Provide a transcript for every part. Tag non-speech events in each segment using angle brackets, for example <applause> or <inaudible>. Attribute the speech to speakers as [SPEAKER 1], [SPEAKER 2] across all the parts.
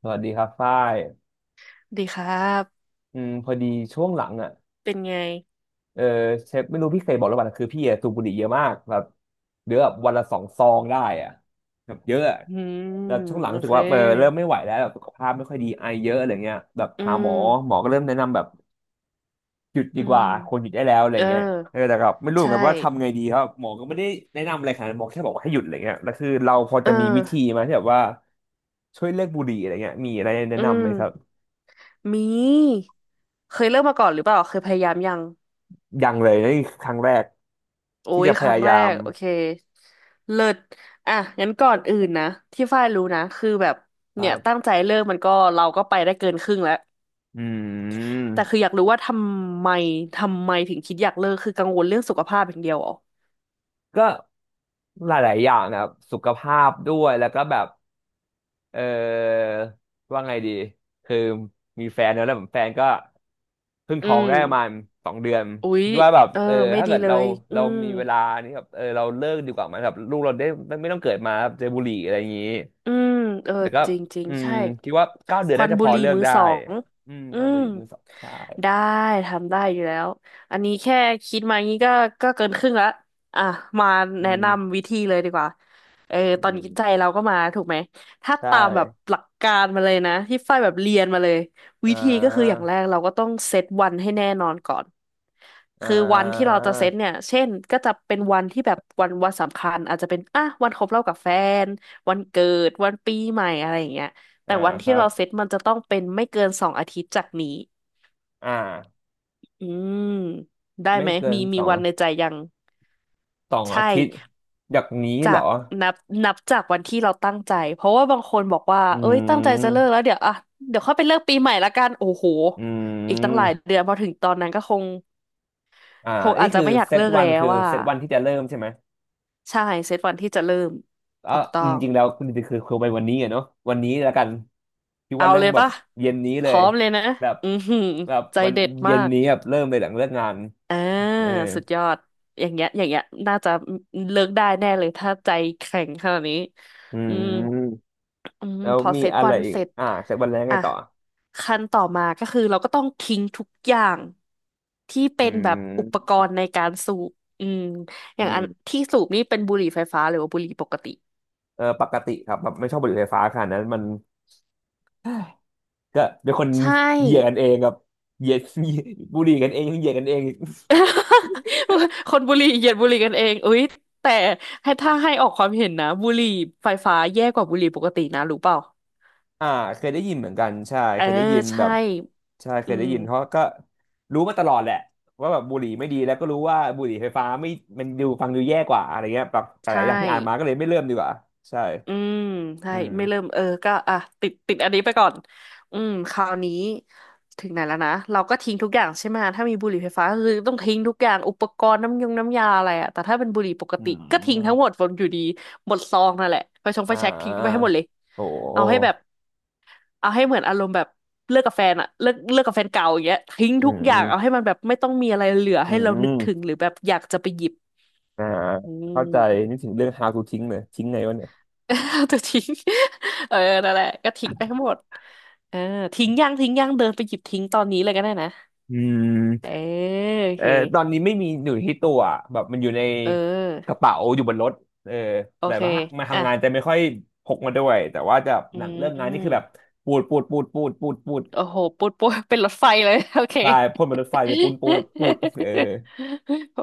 [SPEAKER 1] สวัสดีครับฝ้าย
[SPEAKER 2] ดีครับ
[SPEAKER 1] อืมพอดีช่วงหลังอ่ะ
[SPEAKER 2] เป็นไง
[SPEAKER 1] เออเชฟไม่รู้พี่เคยบอกหรือเปล่านะคือพี่อะสูบบุหรี่เยอะมากแบบเดือนแบบวันละ2 ซองได้อ่ะแบบเยอะอะ
[SPEAKER 2] อืม
[SPEAKER 1] แล้วช่วงหลัง
[SPEAKER 2] โอ
[SPEAKER 1] รู้สึ
[SPEAKER 2] เค
[SPEAKER 1] กว่าเออเริ่มไม่ไหวแล้วแบบสุขภาพไม่ค่อยดีไอเยอะอะไรเงี้ยแบบ
[SPEAKER 2] อื
[SPEAKER 1] หาหมอหม
[SPEAKER 2] ม
[SPEAKER 1] อก็เริ่มแนะนำแบบหยุดดี
[SPEAKER 2] อื
[SPEAKER 1] ก
[SPEAKER 2] ม
[SPEAKER 1] ว่าควรหยุดได้แล้วอะไร
[SPEAKER 2] เออ
[SPEAKER 1] เงี้ยเออแต่แบบไม่รู้เหมือ
[SPEAKER 2] ใช่
[SPEAKER 1] นกันว่าทำไงดีครับหมอก็ไม่ได้แนะนำอะไรขนาดนั้นหมอแค่บอกว่าให้หยุดอะไรเงี้ยแล้วคือเราพอ
[SPEAKER 2] เอ
[SPEAKER 1] จะ
[SPEAKER 2] อ
[SPEAKER 1] มีวิธีไหมที่แบบว่าช่วยเลิกบุหรี่อะไรเงี้ยมีอะไรแนะ
[SPEAKER 2] อื
[SPEAKER 1] นำไห
[SPEAKER 2] ม
[SPEAKER 1] มครับ
[SPEAKER 2] มีเคยเริ่มมาก่อนหรือเปล่าเคยพยายามยัง
[SPEAKER 1] ยังเลยนี่คือครั้งแรก
[SPEAKER 2] โอ้
[SPEAKER 1] ที่
[SPEAKER 2] ย
[SPEAKER 1] จะพ
[SPEAKER 2] ครั้
[SPEAKER 1] ยา
[SPEAKER 2] งแร
[SPEAKER 1] ยาม
[SPEAKER 2] กโอเคเลิศอ่ะงั้นก่อนอื่นนะ ที่ฝ้ายรู้นะ คือแบบ
[SPEAKER 1] ครั
[SPEAKER 2] เนี่ยตั้ง
[SPEAKER 1] บ
[SPEAKER 2] ใจเริ่มมันก็เราก็ไปได้เกินครึ่งแล้ว
[SPEAKER 1] อื
[SPEAKER 2] แต่คือ
[SPEAKER 1] ม
[SPEAKER 2] อยากรู้ว่าำไมทำไมถึงคิดอยากเลิกคือกังวลเรื่องสุขภาพอย่างเดียวเหรอ
[SPEAKER 1] ก็หลายๆอย่างนะครับสุขภาพด้วยแล้วก็แบบเออว่าไงดีคือมีแฟนแล้วแฟนก็เพิ่ง
[SPEAKER 2] อื
[SPEAKER 1] ท้อง
[SPEAKER 2] ม
[SPEAKER 1] ได้ประมาณ2 เดือน
[SPEAKER 2] อุ๊ย
[SPEAKER 1] คิดว่าแบบ
[SPEAKER 2] เออ
[SPEAKER 1] เออ
[SPEAKER 2] ไม่
[SPEAKER 1] ถ้า
[SPEAKER 2] ดี
[SPEAKER 1] เกิด
[SPEAKER 2] เล
[SPEAKER 1] เรา
[SPEAKER 2] ยอื
[SPEAKER 1] เรา
[SPEAKER 2] ม
[SPEAKER 1] มีเวลานี่แบบเออเราเลิกดีกว่าไหมแบบลูกเราได้ไม่ต้องเกิดมาแบบเจอบุหรี่อะไรอย่างนี้
[SPEAKER 2] อืมเออ
[SPEAKER 1] แต่ก็
[SPEAKER 2] จริงจริง
[SPEAKER 1] อืม
[SPEAKER 2] ใช่
[SPEAKER 1] คิดว่าเก้าเดือ
[SPEAKER 2] ค
[SPEAKER 1] น
[SPEAKER 2] วั
[SPEAKER 1] น่า
[SPEAKER 2] น
[SPEAKER 1] จะพ
[SPEAKER 2] บุ
[SPEAKER 1] อ
[SPEAKER 2] หรี่
[SPEAKER 1] เลิก
[SPEAKER 2] มือ
[SPEAKER 1] ได้
[SPEAKER 2] สอง
[SPEAKER 1] อืม
[SPEAKER 2] อื
[SPEAKER 1] ค่อยบุ
[SPEAKER 2] ม
[SPEAKER 1] หรี่มือสองใช่
[SPEAKER 2] ได้ทำได้อยู่แล้วอันนี้แค่คิดมางี้ก็ก็เกินครึ่งละอ่ะมา
[SPEAKER 1] อื
[SPEAKER 2] แนะ
[SPEAKER 1] ม
[SPEAKER 2] นำวิธีเลยดีกว่าเออ
[SPEAKER 1] อื
[SPEAKER 2] ตอนนี้ใจ
[SPEAKER 1] ม
[SPEAKER 2] เราก็มาถูกไหมถ้า
[SPEAKER 1] ใช่
[SPEAKER 2] ตามแบบหลักการมาเลยนะที่ฝ้ายแบบเรียนมาเลยวิ
[SPEAKER 1] อ่
[SPEAKER 2] ธีก็คืออย่าง
[SPEAKER 1] า
[SPEAKER 2] แรกเราก็ต้องเซตวันให้แน่นอนก่อน
[SPEAKER 1] อ่
[SPEAKER 2] คือวันที่เราจะเซต
[SPEAKER 1] า
[SPEAKER 2] เนี่ยเช่นก็จะเป็นวันที่แบบวันสำคัญอาจจะเป็นอ่ะวันครบรอบกับแฟน วันเกิดวันปีใหม่อะไรอย่างเงี้ยแต่
[SPEAKER 1] อ่า
[SPEAKER 2] วัน
[SPEAKER 1] ค
[SPEAKER 2] ที่
[SPEAKER 1] รับ
[SPEAKER 2] เราเซตมันจะต้องเป็นไม่เกิน2 อาทิตย์จากนี้
[SPEAKER 1] อ่า
[SPEAKER 2] อืมได้
[SPEAKER 1] ไม่
[SPEAKER 2] ไหม
[SPEAKER 1] เกิ
[SPEAKER 2] มี
[SPEAKER 1] นส
[SPEAKER 2] มี
[SPEAKER 1] อง
[SPEAKER 2] วันในใจยัง
[SPEAKER 1] สองอา
[SPEAKER 2] ใช่
[SPEAKER 1] ทิตย์จากนี้
[SPEAKER 2] จา
[SPEAKER 1] เหรอ
[SPEAKER 2] กนับนับจากวันที่เราตั้งใจเพราะว่าบางคนบอกว่า
[SPEAKER 1] อื
[SPEAKER 2] เอ้ยตั้งใจจะเลิ
[SPEAKER 1] ม
[SPEAKER 2] กแล้วเดี๋ยวอ่ะเดี๋ยวค่อยไปเลิกปีใหม่ละกันโอ้โห
[SPEAKER 1] อื
[SPEAKER 2] อีกตั้งหลาย
[SPEAKER 1] ม
[SPEAKER 2] เดือนพอถึงตอนนั้นก็คง
[SPEAKER 1] อ่า
[SPEAKER 2] คงอา
[SPEAKER 1] นี่
[SPEAKER 2] จจะ
[SPEAKER 1] คือ
[SPEAKER 2] ไม่อยาก
[SPEAKER 1] เซต
[SPEAKER 2] เลิก
[SPEAKER 1] วั
[SPEAKER 2] แล้
[SPEAKER 1] น
[SPEAKER 2] ว
[SPEAKER 1] คือ
[SPEAKER 2] ว่า
[SPEAKER 1] เซตวันที่จะเริ่มใช่ไหม
[SPEAKER 2] ใช่เซตวันที่จะเริ่ม
[SPEAKER 1] อ๋อ
[SPEAKER 2] ถูกต้อ
[SPEAKER 1] อืม
[SPEAKER 2] ง
[SPEAKER 1] จริงแล้วคุณคือไปวันนี้อะเนาะวันนี้แล้วกันคิด
[SPEAKER 2] เอา
[SPEAKER 1] ว่าเริ่
[SPEAKER 2] เล
[SPEAKER 1] ม
[SPEAKER 2] ย
[SPEAKER 1] แบบ
[SPEAKER 2] ปะ
[SPEAKER 1] เย็นนี้
[SPEAKER 2] พ
[SPEAKER 1] เล
[SPEAKER 2] ร้
[SPEAKER 1] ย
[SPEAKER 2] อมเลยนะ
[SPEAKER 1] แบบ
[SPEAKER 2] อือหือ
[SPEAKER 1] แบบ
[SPEAKER 2] ใจ
[SPEAKER 1] วัน
[SPEAKER 2] เด็ด
[SPEAKER 1] เย็
[SPEAKER 2] มา
[SPEAKER 1] น
[SPEAKER 2] ก
[SPEAKER 1] นี้แบบเริ่มเลยหลังเลิกงาน
[SPEAKER 2] อ่า
[SPEAKER 1] เออ
[SPEAKER 2] สุดยอดอย่างเงี้ยอย่างเงี้ยน่าจะเลิกได้แน่เลยถ้าใจแข็งขนาดนี้
[SPEAKER 1] อื
[SPEAKER 2] อืม
[SPEAKER 1] ม
[SPEAKER 2] อืม
[SPEAKER 1] แล้ว
[SPEAKER 2] พอ
[SPEAKER 1] มี
[SPEAKER 2] เซต
[SPEAKER 1] อะไร
[SPEAKER 2] วัน
[SPEAKER 1] อีก
[SPEAKER 2] เสร็จ
[SPEAKER 1] อ่าเซตวันแรกไง
[SPEAKER 2] อ่ะ
[SPEAKER 1] ต่อ
[SPEAKER 2] ขั้นต่อมาก็คือเราก็ต้องทิ้งทุกอย่างที่
[SPEAKER 1] อื
[SPEAKER 2] เป็นแบบอุปก
[SPEAKER 1] ม
[SPEAKER 2] รณ์ในการสูบอืมอ
[SPEAKER 1] อื
[SPEAKER 2] ย่างอัน
[SPEAKER 1] ม
[SPEAKER 2] ที่สูบนี่เป็นบุหรี่ไฟฟ้าหรือว่าบุหรี่ปกติ
[SPEAKER 1] เออปกติครับแบบไม่ชอบบุหรี่ไฟฟ้าขนาดนั้นมัน ก็เป็นคน
[SPEAKER 2] ใช่
[SPEAKER 1] เหยียดกันเองกับเหยียด <laughs> บุหรี่กันเองเหยียดกันเองอีก
[SPEAKER 2] <laughs> คนบุหรี่เหยียดบุหรี่กันเองอุ๊ยแต่ให้ถ้าให้ออกความเห็นนะบุหรี่ไฟฟ้าแย่กว่าบุหรี่ปกตินะรู้เปล่า
[SPEAKER 1] อ่าเคยได้ยินเหมือนกันใช่
[SPEAKER 2] เออ
[SPEAKER 1] เคยได้ยินแบ
[SPEAKER 2] ใช่
[SPEAKER 1] บใช่เค
[SPEAKER 2] อื
[SPEAKER 1] ยได้
[SPEAKER 2] ม
[SPEAKER 1] ยินเพราะก็รู้มาตลอดแหละว่าแบบบุหรี่ไม่ดีแล้วก็รู้ว่าบุหรี่ไฟฟ้าไม่มันดูฟังดูแย่กว่าอะไรเงี้ยแบบห
[SPEAKER 2] ใช่
[SPEAKER 1] ลายอย่างที่อ่านมาก็เลยไม่เริ่มดีกว่าใช่
[SPEAKER 2] อืมใช่
[SPEAKER 1] อืม
[SPEAKER 2] ไม่เริ่มเออก็อ่ะติดอันนี้ไปก่อนอืมคราวนี้ถึงไหนแล้วนะเราก็ทิ้งทุกอย่างใช่ไหมถ้ามีบุหรี่ไฟฟ้าก็คือต้องทิ้งทุกอย่างอุปกรณ์น้ำยงน้ำยาอะไรอะแต่ถ้าเป็นบุหรี่ปก
[SPEAKER 1] อื
[SPEAKER 2] ติก็ทิ้งทั้งหมด
[SPEAKER 1] ม
[SPEAKER 2] บนอยู่ดีหมดซองนั่นแหละไฟชงไฟ
[SPEAKER 1] อ่า
[SPEAKER 2] แช็ก
[SPEAKER 1] อ่า
[SPEAKER 2] ทิ้งไปให้หมดเลย
[SPEAKER 1] โอ้โห
[SPEAKER 2] เอาให้แบบเอาให้เหมือนอารมณ์แบบเลิกกับแฟนอะเลิกกับแฟนเก่าอย่างเงี้ยทิ้ง
[SPEAKER 1] อื
[SPEAKER 2] ทุกอย่างเอาให้
[SPEAKER 1] ม
[SPEAKER 2] มันแบบไม่ต้องมีอะไรเหลือ
[SPEAKER 1] อื
[SPEAKER 2] ให้เรานึกถึง
[SPEAKER 1] ม
[SPEAKER 2] หรือแบบอยากจะไปหยิบ
[SPEAKER 1] อ่า
[SPEAKER 2] อื
[SPEAKER 1] เข้าใจ
[SPEAKER 2] ม
[SPEAKER 1] นึกถึงเรื่อง how to ทิ้งเลยทิ้งไงวะเนี่ย
[SPEAKER 2] <laughs> ตัวทิ้ง <laughs> เออนั่นแหละก็ทิ้งไปทั้งหมดเออทิ้งย่างทิ้งย่างเดินไปหยิบทิ้งตอนนี้เลยก็ได้นะ
[SPEAKER 1] อื
[SPEAKER 2] เออ
[SPEAKER 1] ม
[SPEAKER 2] โอ
[SPEAKER 1] เออ
[SPEAKER 2] เค
[SPEAKER 1] ตอนนี้ไม่มีอยู่ที่ตัวอะแบบมันอยู่ใน
[SPEAKER 2] เอ
[SPEAKER 1] กระ
[SPEAKER 2] อ
[SPEAKER 1] เป๋าอยู่บนรถเออ
[SPEAKER 2] โอ
[SPEAKER 1] แต่
[SPEAKER 2] เค
[SPEAKER 1] ว่ามา
[SPEAKER 2] อ่ะ
[SPEAKER 1] ทำงานจะไม่ค่อยพกมาด้วยแต่ว่าจะ
[SPEAKER 2] อื
[SPEAKER 1] หนังเรื่องงานนี่คือแบ
[SPEAKER 2] ม
[SPEAKER 1] บปูดปูดปูดปูดปูดปูด
[SPEAKER 2] โอ้โหปุ๊ดปุ๊ดเป็นรถไฟเลย <laughs> โอเค
[SPEAKER 1] ตายพ่นบนรถไฟ
[SPEAKER 2] <laughs>
[SPEAKER 1] เลยปูนปูนปูดเออ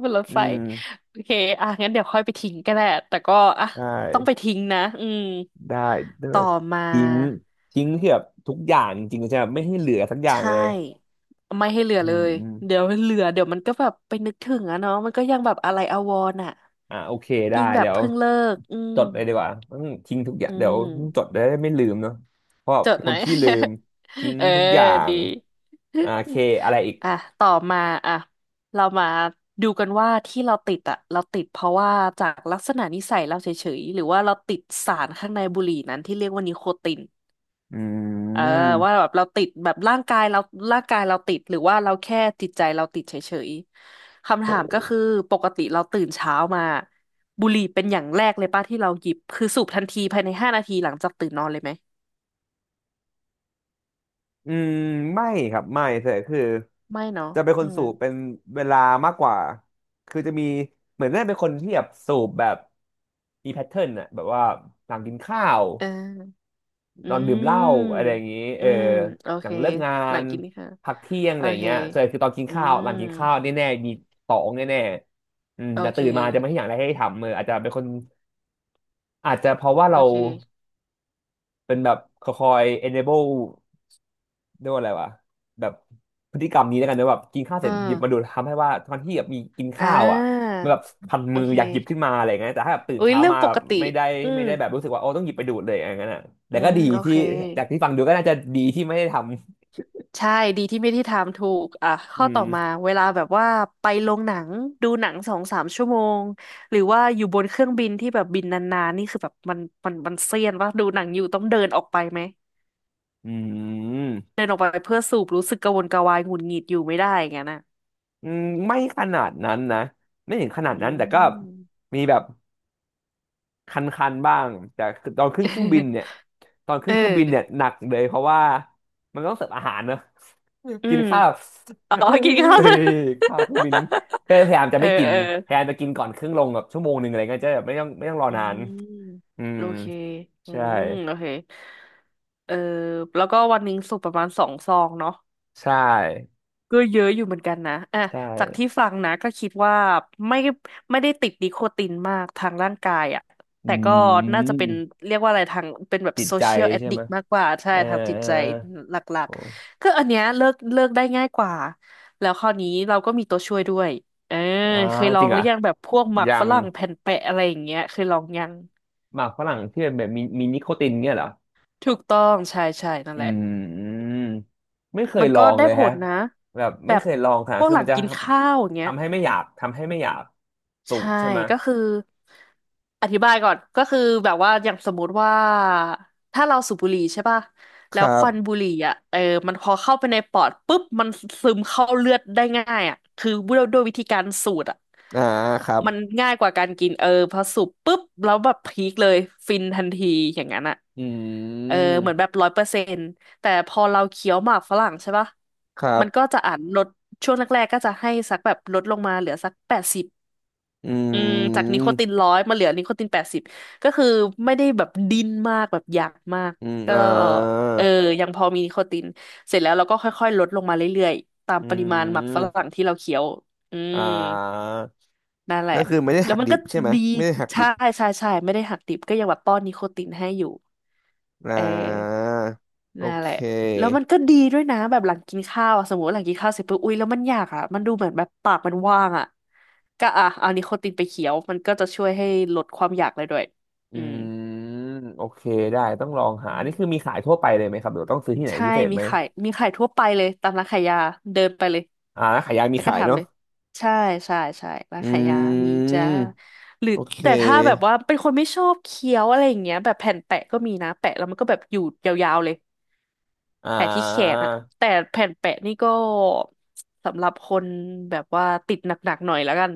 [SPEAKER 2] เป็นรถ
[SPEAKER 1] อื
[SPEAKER 2] ไฟ
[SPEAKER 1] ม
[SPEAKER 2] โอเคอ่ะงั้นเดี๋ยวค่อยไปทิ้งก็ได้แต่ก็อ่ะ
[SPEAKER 1] ได้
[SPEAKER 2] ต้องไปทิ้งนะอืม
[SPEAKER 1] ได้เลือ
[SPEAKER 2] ต่อ
[SPEAKER 1] ก
[SPEAKER 2] มา
[SPEAKER 1] ทิ้งทิ้งเกือบทุกอย่างจริงๆใช่ไหมไม่ให้เหลือสักอ
[SPEAKER 2] ใช
[SPEAKER 1] ย่างเลย
[SPEAKER 2] ่ไม่ให้เหลือ
[SPEAKER 1] อื
[SPEAKER 2] เล
[SPEAKER 1] ม
[SPEAKER 2] ย
[SPEAKER 1] อืม
[SPEAKER 2] เดี๋ยวเหลือเดี๋ยวมันก็แบบไปนึกถึงอะเนาะมันก็ยังแบบอะไรอาวรณ์อะ
[SPEAKER 1] อ่าโอเคได้
[SPEAKER 2] ยิ่งแบ
[SPEAKER 1] เดี๋
[SPEAKER 2] บ
[SPEAKER 1] ยว
[SPEAKER 2] เพิ่งเลิกอื
[SPEAKER 1] จ
[SPEAKER 2] ม
[SPEAKER 1] ดเลยดีกว่าอืมทิ้งทุกอย่า
[SPEAKER 2] อื
[SPEAKER 1] งเดี๋ยวจ
[SPEAKER 2] ม
[SPEAKER 1] ดได้ไม่ลืมเนาะเพราะ
[SPEAKER 2] จ
[SPEAKER 1] เป็
[SPEAKER 2] ด
[SPEAKER 1] น
[SPEAKER 2] ห
[SPEAKER 1] ค
[SPEAKER 2] น่อ
[SPEAKER 1] น
[SPEAKER 2] ย
[SPEAKER 1] ขี้ลืมทิ้ง
[SPEAKER 2] <laughs> เออ
[SPEAKER 1] ทุกอย่าง
[SPEAKER 2] ดี
[SPEAKER 1] อ่าโอเคอะไรอีก
[SPEAKER 2] <laughs> อ่ะต่อมาอ่ะเรามาดูกันว่าที่เราติดอ่ะเราติดเพราะว่าจากลักษณะนิสัยเราเฉยๆหรือว่าเราติดสารข้างในบุหรี่นั้นที่เรียกว่านิโคติน
[SPEAKER 1] อื
[SPEAKER 2] เออว่า
[SPEAKER 1] ม
[SPEAKER 2] แบบเราติดแบบร่างกายเราร่างกายเราติดหรือว่าเราแค่จิตใจเราติดเฉยๆคำ
[SPEAKER 1] โห
[SPEAKER 2] ถามก็คือปกติเราตื่นเช้ามาบุหรี่เป็นอย่างแรกเลยป่ะที่เราหยิบคือสูบทันทีภายใน5 นาทีหลังจากตื่นนอนเลยไหม
[SPEAKER 1] อืมไม่ครับไม่แต่คือ
[SPEAKER 2] ไม่เนาะ
[SPEAKER 1] จะเป็นค
[SPEAKER 2] อื
[SPEAKER 1] น
[SPEAKER 2] ม
[SPEAKER 1] สูบเป็นเวลามากกว่าคือจะมีเหมือนได้เป็นคนที่แบบสูบแบบมีแพทเทิร์นอะแบบว่าหลังกินข้าว
[SPEAKER 2] เอออื
[SPEAKER 1] นอนดื่มเหล้า
[SPEAKER 2] ม
[SPEAKER 1] อะไรอย่างนี้เอ
[SPEAKER 2] อื
[SPEAKER 1] อ
[SPEAKER 2] มโอ
[SPEAKER 1] หลั
[SPEAKER 2] เค
[SPEAKER 1] งเลิกงา
[SPEAKER 2] หลั
[SPEAKER 1] น
[SPEAKER 2] งกินนี่ค่ะ
[SPEAKER 1] พักเที่ยงอะ
[SPEAKER 2] โอ
[SPEAKER 1] ไรอย่าง
[SPEAKER 2] เค
[SPEAKER 1] เงี้ยส่วนใหญ่คือตอนกิน
[SPEAKER 2] อื
[SPEAKER 1] ข้าว
[SPEAKER 2] ม
[SPEAKER 1] หลังกินข้าวแน่ๆมีตองแน่ๆอืม
[SPEAKER 2] โอ
[SPEAKER 1] แต่
[SPEAKER 2] เค
[SPEAKER 1] ตื่นมาจะไม่ให้อย่างไรให้ทำเอออาจจะเป็นคนอาจจะเพราะว่า
[SPEAKER 2] โอ
[SPEAKER 1] เรา
[SPEAKER 2] เค
[SPEAKER 1] เป็นแบบคอย enable เรียกว่าอะไรวะแบบพฤติกรรมนี้แล้วกันนะแบบกินข้าวเส
[SPEAKER 2] เออ
[SPEAKER 1] ร็จหยิบมาดูทำให้ว่าตอนที่แบบมีกิน
[SPEAKER 2] อ่
[SPEAKER 1] ข้าวอ่ะ
[SPEAKER 2] า
[SPEAKER 1] มันแบบพัน
[SPEAKER 2] โอ
[SPEAKER 1] มือ
[SPEAKER 2] เค
[SPEAKER 1] อยากหยิบขึ้นมาอะไรอย่างเงี้ยแต่ถ้าแบบตื่น
[SPEAKER 2] อุ้ย
[SPEAKER 1] เช้า
[SPEAKER 2] เรื่อง
[SPEAKER 1] มา
[SPEAKER 2] ป
[SPEAKER 1] แบ
[SPEAKER 2] ก
[SPEAKER 1] บ
[SPEAKER 2] ติ
[SPEAKER 1] ไม่ได้
[SPEAKER 2] อื
[SPEAKER 1] ไม่
[SPEAKER 2] ม
[SPEAKER 1] ได้แบบรู้สึกว่าโอ้ต้องหยิบไปดูดเลยอย่างเงี้ยนะ
[SPEAKER 2] อื
[SPEAKER 1] แต่ก็
[SPEAKER 2] ม
[SPEAKER 1] ดี
[SPEAKER 2] โอ
[SPEAKER 1] ที่
[SPEAKER 2] เค
[SPEAKER 1] จากที่ฟังดูก็น่าจะดีที่ไม่ได้ทำ
[SPEAKER 2] ใช่ดีที่ไม่ที่ถามถูกอ่ะ
[SPEAKER 1] อื
[SPEAKER 2] ข้อต่อมา
[SPEAKER 1] ม
[SPEAKER 2] เวลาแบบว่าไปโรงหนังดูหนังสองสามชั่วโมงหรือว่าอยู่บนเครื่องบินที่แบบบินนานๆนี่คือแบบมันเซียนว่าดูหนังอยู่ต้องเดินออกไปไหม
[SPEAKER 1] อืม
[SPEAKER 2] เดินออกไปเพื่อสูบรู้สึกกระวนกระวายหงุดหงิดอยู่ไม่ได้อย่างนั้นน่ะ
[SPEAKER 1] อืมไม่ขนาดนั้นนะไม่ถึงขนาด
[SPEAKER 2] อื
[SPEAKER 1] นั้นแต่ก็
[SPEAKER 2] ม
[SPEAKER 1] มีแบบคันๆบ้างแต่ตอนขึ้นเครื่องบิน
[SPEAKER 2] <laughs>
[SPEAKER 1] เนี่ยตอน
[SPEAKER 2] เอ
[SPEAKER 1] ขึ้น
[SPEAKER 2] อ
[SPEAKER 1] เครื่องบินเนี่ยหนักเลยเพราะว่ามันต้องเสิร์ฟอาหารเนอะ
[SPEAKER 2] อื
[SPEAKER 1] <laughs> กิน
[SPEAKER 2] ม
[SPEAKER 1] ข้าว
[SPEAKER 2] อ๋อกินข้าว
[SPEAKER 1] เฮ้ย
[SPEAKER 2] <laughs>
[SPEAKER 1] ข้าวเครื่องบินก็พยายามจะ
[SPEAKER 2] เออ
[SPEAKER 1] ไม่กิน
[SPEAKER 2] เออ
[SPEAKER 1] พยายามจะกินก่อนเครื่องลงแบบ1 ชั่วโมงอะไรเงี้ยจะแบบไม่ต้องรอ
[SPEAKER 2] อื
[SPEAKER 1] นาน
[SPEAKER 2] ม
[SPEAKER 1] อืม
[SPEAKER 2] โอเคอื
[SPEAKER 1] ใช่
[SPEAKER 2] มโอเคเออแล้วก็วันหนึ่งสูบประมาณ2 ซองเนาะ
[SPEAKER 1] ใช่
[SPEAKER 2] ก็เยอะอยู่เหมือนกันนะอ่ะ
[SPEAKER 1] ใช่
[SPEAKER 2] จากที่ฟังนะก็คิดว่าไม่ไม่ได้ติดนิโคตินมากทางร่างกายอ่ะ
[SPEAKER 1] อื
[SPEAKER 2] แต่ก็น่าจะเป็น
[SPEAKER 1] ม
[SPEAKER 2] เรียกว่าอะไรทางเป็นแบบ
[SPEAKER 1] จิต
[SPEAKER 2] โซ
[SPEAKER 1] ใจ
[SPEAKER 2] เชียลแอด
[SPEAKER 1] ใช่
[SPEAKER 2] ดิ
[SPEAKER 1] ไหม
[SPEAKER 2] กมากกว่าใช่
[SPEAKER 1] เออ
[SPEAKER 2] ทางจิต
[SPEAKER 1] เออ
[SPEAKER 2] ใจหลัก
[SPEAKER 1] โห
[SPEAKER 2] ๆก็อันเนี้ยเลิกได้ง่ายกว่าแล้วคราวนี้เราก็มีตัวช่วยด้วยเออ
[SPEAKER 1] อ่า
[SPEAKER 2] เคยล
[SPEAKER 1] จ
[SPEAKER 2] อ
[SPEAKER 1] ริ
[SPEAKER 2] ง
[SPEAKER 1] ง
[SPEAKER 2] ห
[SPEAKER 1] เหร
[SPEAKER 2] รือ
[SPEAKER 1] อ่ะ
[SPEAKER 2] ยังแบบพวกหมั
[SPEAKER 1] อ
[SPEAKER 2] ก
[SPEAKER 1] ย่า
[SPEAKER 2] ฝ
[SPEAKER 1] ง
[SPEAKER 2] รั่งแผ่นแปะอะไรอย่างเงี้ยเคยลองยัง
[SPEAKER 1] หมากฝรั่งที่เป็นแบบมีนิโคตินเนี่ยเหรอ
[SPEAKER 2] ถูกต้องใช่ใช่นั่น
[SPEAKER 1] อื
[SPEAKER 2] แหละ
[SPEAKER 1] มไม่เคย
[SPEAKER 2] มัน
[SPEAKER 1] ลอ
[SPEAKER 2] ก็
[SPEAKER 1] ง
[SPEAKER 2] ได้
[SPEAKER 1] เลย
[SPEAKER 2] ผ
[SPEAKER 1] ฮะ
[SPEAKER 2] ลนะ
[SPEAKER 1] แบบ
[SPEAKER 2] แบ
[SPEAKER 1] ไม่
[SPEAKER 2] บ
[SPEAKER 1] เคยลองค่ะ
[SPEAKER 2] พวก
[SPEAKER 1] คือ
[SPEAKER 2] หลั
[SPEAKER 1] มั
[SPEAKER 2] ง
[SPEAKER 1] นจะ
[SPEAKER 2] กินข้าวอย่างเงี้ย
[SPEAKER 1] ทำให้ไม่อยากทำให้ไม่อยากสู
[SPEAKER 2] ใช่
[SPEAKER 1] บใช่ไหม
[SPEAKER 2] ก็คืออธิบายก่อนก็คือแบบว่าอย่างสมมุติว่าถ้าเราสูบบุหรี่ใช่ป่ะ
[SPEAKER 1] ค
[SPEAKER 2] แล้ว
[SPEAKER 1] รั
[SPEAKER 2] ค
[SPEAKER 1] บ
[SPEAKER 2] วันบุหรี่อ่ะเออมันพอเข้าไปในปอดปุ๊บมันซึมเข้าเลือดได้ง่ายอ่ะคือด้วยวิธีการสูดอ่ะ
[SPEAKER 1] อ่าครับ
[SPEAKER 2] มันง่ายกว่าการกินเออพอสูบปุ๊บแล้วแบบพีคเลยฟินทันทีอย่างนั้นอ่ะ
[SPEAKER 1] อื
[SPEAKER 2] เออ
[SPEAKER 1] ม
[SPEAKER 2] เหมือนแบบร้อยเปอร์เซ็นต์แต่พอเราเคี้ยวหมากฝรั่งใช่ป่ะ
[SPEAKER 1] ครั
[SPEAKER 2] มันก็
[SPEAKER 1] บ
[SPEAKER 2] จะอ่านลดช่วงแรกๆก็จะให้สักแบบลดลงมาเหลือสักแปดสิบ
[SPEAKER 1] อื
[SPEAKER 2] อืมจากนิ
[SPEAKER 1] ม
[SPEAKER 2] โคตินร้อยมาเหลือนิโคตินแปดสิบก็คือไม่ได้แบบดิ้นมากแบบอยากมาก
[SPEAKER 1] อืม
[SPEAKER 2] ก็
[SPEAKER 1] อ่า
[SPEAKER 2] เออยังพอมีนิโคตินเสร็จแล้วเราก็ค่อยๆลดลงมาเรื่อยๆตาม
[SPEAKER 1] อื
[SPEAKER 2] ปริมาณหมักฝ
[SPEAKER 1] ม
[SPEAKER 2] รั่งที่เราเคี้ยวอื
[SPEAKER 1] อ่
[SPEAKER 2] ม
[SPEAKER 1] า
[SPEAKER 2] นั่นแหละ
[SPEAKER 1] ก็คือไม่ได้
[SPEAKER 2] แล้
[SPEAKER 1] หั
[SPEAKER 2] ว
[SPEAKER 1] ก
[SPEAKER 2] มัน
[SPEAKER 1] ดิ
[SPEAKER 2] ก็
[SPEAKER 1] บใช่ไหม
[SPEAKER 2] ดี
[SPEAKER 1] ไม่ได้หักดิ
[SPEAKER 2] ใช่
[SPEAKER 1] บ
[SPEAKER 2] ใช่ใช่ไม่ได้หักดิบก็ยังแบบป้อนนิโคตินให้อยู่
[SPEAKER 1] อ่
[SPEAKER 2] เออ
[SPEAKER 1] าโอ
[SPEAKER 2] นั่น
[SPEAKER 1] เค
[SPEAKER 2] แหละแล้วมันก็ดีด้วยนะแบบหลังกินข้าวอะสมมติว่าหลังกินข้าวเสร็จปุ๊บอุ๊ยแล้วมันอยากอ่ะมันดูเหมือนแบบปากมันว่างอ่ะก็อ่ะเอานิโคตินไปเคี้ยวมันก็จะช่วยให้ลดความอยากเลยด้วย
[SPEAKER 1] อื
[SPEAKER 2] อืม
[SPEAKER 1] มโอเคได้ต้องลองหา
[SPEAKER 2] อื
[SPEAKER 1] อันนี้คือ
[SPEAKER 2] ม
[SPEAKER 1] มีขายทั่วไปเลยไหมครับหรือต้องซื้อที่ไหน
[SPEAKER 2] ใช่
[SPEAKER 1] พิเศษ
[SPEAKER 2] มี
[SPEAKER 1] ไหม
[SPEAKER 2] ขายมีขายทั่วไปเลยตามร้านขายยาเดินไปเลย
[SPEAKER 1] อ่าร้านขายยามี
[SPEAKER 2] แล้วก็
[SPEAKER 1] ขาย
[SPEAKER 2] ถาม
[SPEAKER 1] เนาะ
[SPEAKER 2] เลยใช่ใช่ใช่ร้านขายยา
[SPEAKER 1] อื
[SPEAKER 2] มีจ้า
[SPEAKER 1] ม
[SPEAKER 2] หรือ
[SPEAKER 1] โอเค
[SPEAKER 2] แต่ถ้าแบบว่าเป็นคนไม่ชอบเคี้ยวอะไรอย่างเงี้ยแบบแผ่นแปะก็มีนะแปะแล้วมันก็แบบอยู่ยาวๆเลย
[SPEAKER 1] อ่า
[SPEAKER 2] แปะที่แขนอะแต่แผ่นแปะนี่ก็สำหรับคนแบบว่าติดหนักๆหน่อยแล้วกัน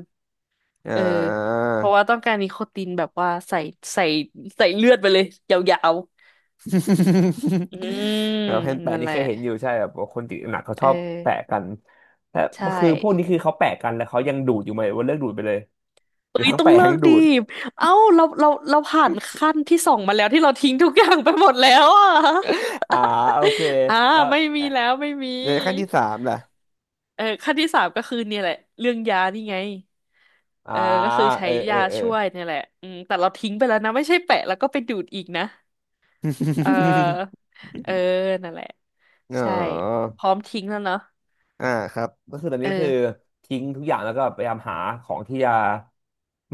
[SPEAKER 1] อ่
[SPEAKER 2] เออ
[SPEAKER 1] า
[SPEAKER 2] เพราะว่าต้องการนิโคตินแบบว่าใส่ใส่เลือดไปเลยยาวๆอืม
[SPEAKER 1] <laughs> แล้วแผ่นแปะ
[SPEAKER 2] นั่น
[SPEAKER 1] นี่
[SPEAKER 2] แห
[SPEAKER 1] เค
[SPEAKER 2] ละ
[SPEAKER 1] ยเห็นอยู่ใช่แบบว่าคนติดหนักเขาช
[SPEAKER 2] เอ
[SPEAKER 1] อบแปะ
[SPEAKER 2] อ
[SPEAKER 1] กันแต่
[SPEAKER 2] ใช่
[SPEAKER 1] คือพวกนี้คือเขาแปะกันแล้วเขายังดูดอยู่ไหมหรือว่าเลิกดูดไปเลยหรื
[SPEAKER 2] เอ้
[SPEAKER 1] อ
[SPEAKER 2] ย
[SPEAKER 1] ทั้ง
[SPEAKER 2] ต้อง
[SPEAKER 1] แปะ
[SPEAKER 2] เลิ
[SPEAKER 1] ทั้ง
[SPEAKER 2] ก
[SPEAKER 1] ดู
[SPEAKER 2] ดี
[SPEAKER 1] ด
[SPEAKER 2] เอ้าเราผ่านขั้นที่สองมาแล้วที่เราทิ้งทุกอย่างไปหมดแล้วอ่ะ
[SPEAKER 1] อ่าโอเค
[SPEAKER 2] <laughs> อ่า
[SPEAKER 1] แล้ว
[SPEAKER 2] ไม่มี
[SPEAKER 1] อ่ะ
[SPEAKER 2] แล้วไม่มี
[SPEAKER 1] ในขั้นที่สามล่ะ
[SPEAKER 2] เออขั้นที่สามก็คือเนี่ยแหละเรื่องยานี่ไง
[SPEAKER 1] อ่า
[SPEAKER 2] เออก็คือใช้
[SPEAKER 1] เออเออ
[SPEAKER 2] ยา
[SPEAKER 1] เออ
[SPEAKER 2] ช่วยเนี่ยแหละอืมแต่เราทิ้งไปแล้วนะไม่ใช่แปะแล้วก็ไปดูดอีกนะเออเออนั่นแหละ
[SPEAKER 1] อ๋
[SPEAKER 2] ใช่
[SPEAKER 1] อ
[SPEAKER 2] พร้อมทิ้งแล้วเนาะ
[SPEAKER 1] อ่าครับก็คือตอน
[SPEAKER 2] เออ
[SPEAKER 1] นี้คือทิ้งทุกอย่างแล้วก็พยายามหาของที่จะ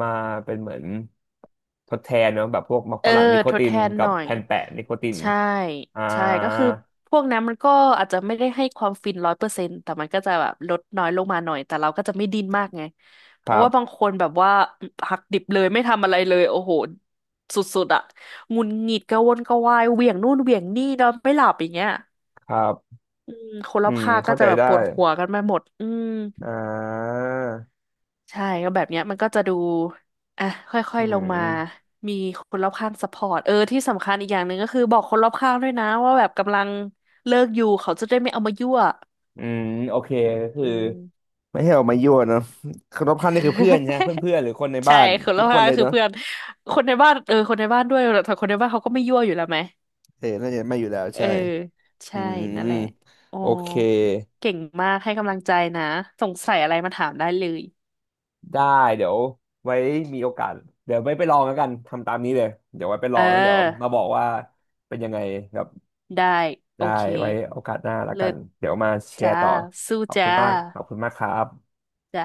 [SPEAKER 1] มาเป็นเหมือนทดแทนเนาะแบบพวกมะ
[SPEAKER 2] เอ
[SPEAKER 1] ฝ
[SPEAKER 2] อ
[SPEAKER 1] รั่งนิโค
[SPEAKER 2] ทด
[SPEAKER 1] ติ
[SPEAKER 2] แท
[SPEAKER 1] น
[SPEAKER 2] น
[SPEAKER 1] กั
[SPEAKER 2] ห
[SPEAKER 1] บ
[SPEAKER 2] น่อย
[SPEAKER 1] แผ่นแปะนิโคติน
[SPEAKER 2] ใช่
[SPEAKER 1] อ่า
[SPEAKER 2] ใช่ก็คือพวกนั้นมันก็อาจจะไม่ได้ให้ความฟินร้อยเปอร์เซ็นต์แต่มันก็จะแบบลดน้อยลงมาหน่อยแต่เราก็จะไม่ดิ้นมากไงเพ
[SPEAKER 1] ค
[SPEAKER 2] ราะ
[SPEAKER 1] รับ
[SPEAKER 2] ว่าบางคนแบบว่าหักดิบเลยไม่ทำอะไรเลยโอ้โหสุดๆอะหงุดหงิดกระวนกระวายเหวี่ยงนู่นเหวี่ยงนี่นอนไม่หลับอย่างเงี้ย
[SPEAKER 1] ครับ
[SPEAKER 2] อืมคนร
[SPEAKER 1] อื
[SPEAKER 2] อบ
[SPEAKER 1] ม
[SPEAKER 2] ข้างก็
[SPEAKER 1] เข้าใจ
[SPEAKER 2] จะแบบ
[SPEAKER 1] ได้
[SPEAKER 2] ปวดหัวกันไปหมดอืม
[SPEAKER 1] อ่า
[SPEAKER 2] ใช่ก็แบบเนี้ยมันก็จะดูอ่ะค่อ
[SPEAKER 1] อื
[SPEAKER 2] ยๆลงมา
[SPEAKER 1] ม
[SPEAKER 2] มีคนรอบข้างซัพพอร์ตเออที่สำคัญอีกอย่างหนึ่งก็คือบอกคนรอบข้างด้วยนะว่าแบบกำลังเลิกอยู่เขาจะได้ไม่เอามายั่ว
[SPEAKER 1] อืมโอเคก็คื
[SPEAKER 2] อื
[SPEAKER 1] อ
[SPEAKER 2] ม
[SPEAKER 1] ไม่ให้ออกมายั่วเนาะ <laughs> คนรอบข้างนี่คือเพื่อนใช่ไหมเพื่อนเพื่
[SPEAKER 2] <laughs>
[SPEAKER 1] อนหรือคนใน
[SPEAKER 2] ใช่
[SPEAKER 1] บ้าน
[SPEAKER 2] คนร
[SPEAKER 1] ทุ
[SPEAKER 2] อ
[SPEAKER 1] ก
[SPEAKER 2] บ
[SPEAKER 1] คน
[SPEAKER 2] ข้าง
[SPEAKER 1] เล
[SPEAKER 2] ก็
[SPEAKER 1] ย
[SPEAKER 2] คือ
[SPEAKER 1] เนาะ
[SPEAKER 2] เพื่อนคนในบ้านเออคนในบ้านด้วยแต่คนในบ้านเขาก็ไม่ยั่วอยู่แล้วไหม
[SPEAKER 1] เออน่าจะไม่อยู่แล้ว
[SPEAKER 2] เออ
[SPEAKER 1] ใช่อื
[SPEAKER 2] ใช่นั่น
[SPEAKER 1] ม
[SPEAKER 2] แหละอ๋อ
[SPEAKER 1] โอเค
[SPEAKER 2] เก่งมากให้กำลังใจนะสงสัยอะไรมาถามได้เลย
[SPEAKER 1] ได้เดี๋ยวไว้มีโอกาสเดี๋ยวไว้ไปลองแล้วกันทำตามนี้เลยเดี๋ยวไว้ไปล
[SPEAKER 2] เอ
[SPEAKER 1] อ
[SPEAKER 2] อ
[SPEAKER 1] งแล้วเดี๋ยวมาบอกว่าเป็นยังไงครับ
[SPEAKER 2] ได้โอ
[SPEAKER 1] ได้
[SPEAKER 2] เค
[SPEAKER 1] ไว้โอกาสหน้าแล้ว
[SPEAKER 2] เลิ
[SPEAKER 1] กัน
[SPEAKER 2] ศ
[SPEAKER 1] เดี๋ยวมาแช
[SPEAKER 2] จ้า
[SPEAKER 1] ร์ต่อ
[SPEAKER 2] สู้
[SPEAKER 1] ขอบคุ
[SPEAKER 2] จ้า
[SPEAKER 1] ณมากขอบคุณมากครับ
[SPEAKER 2] จ้า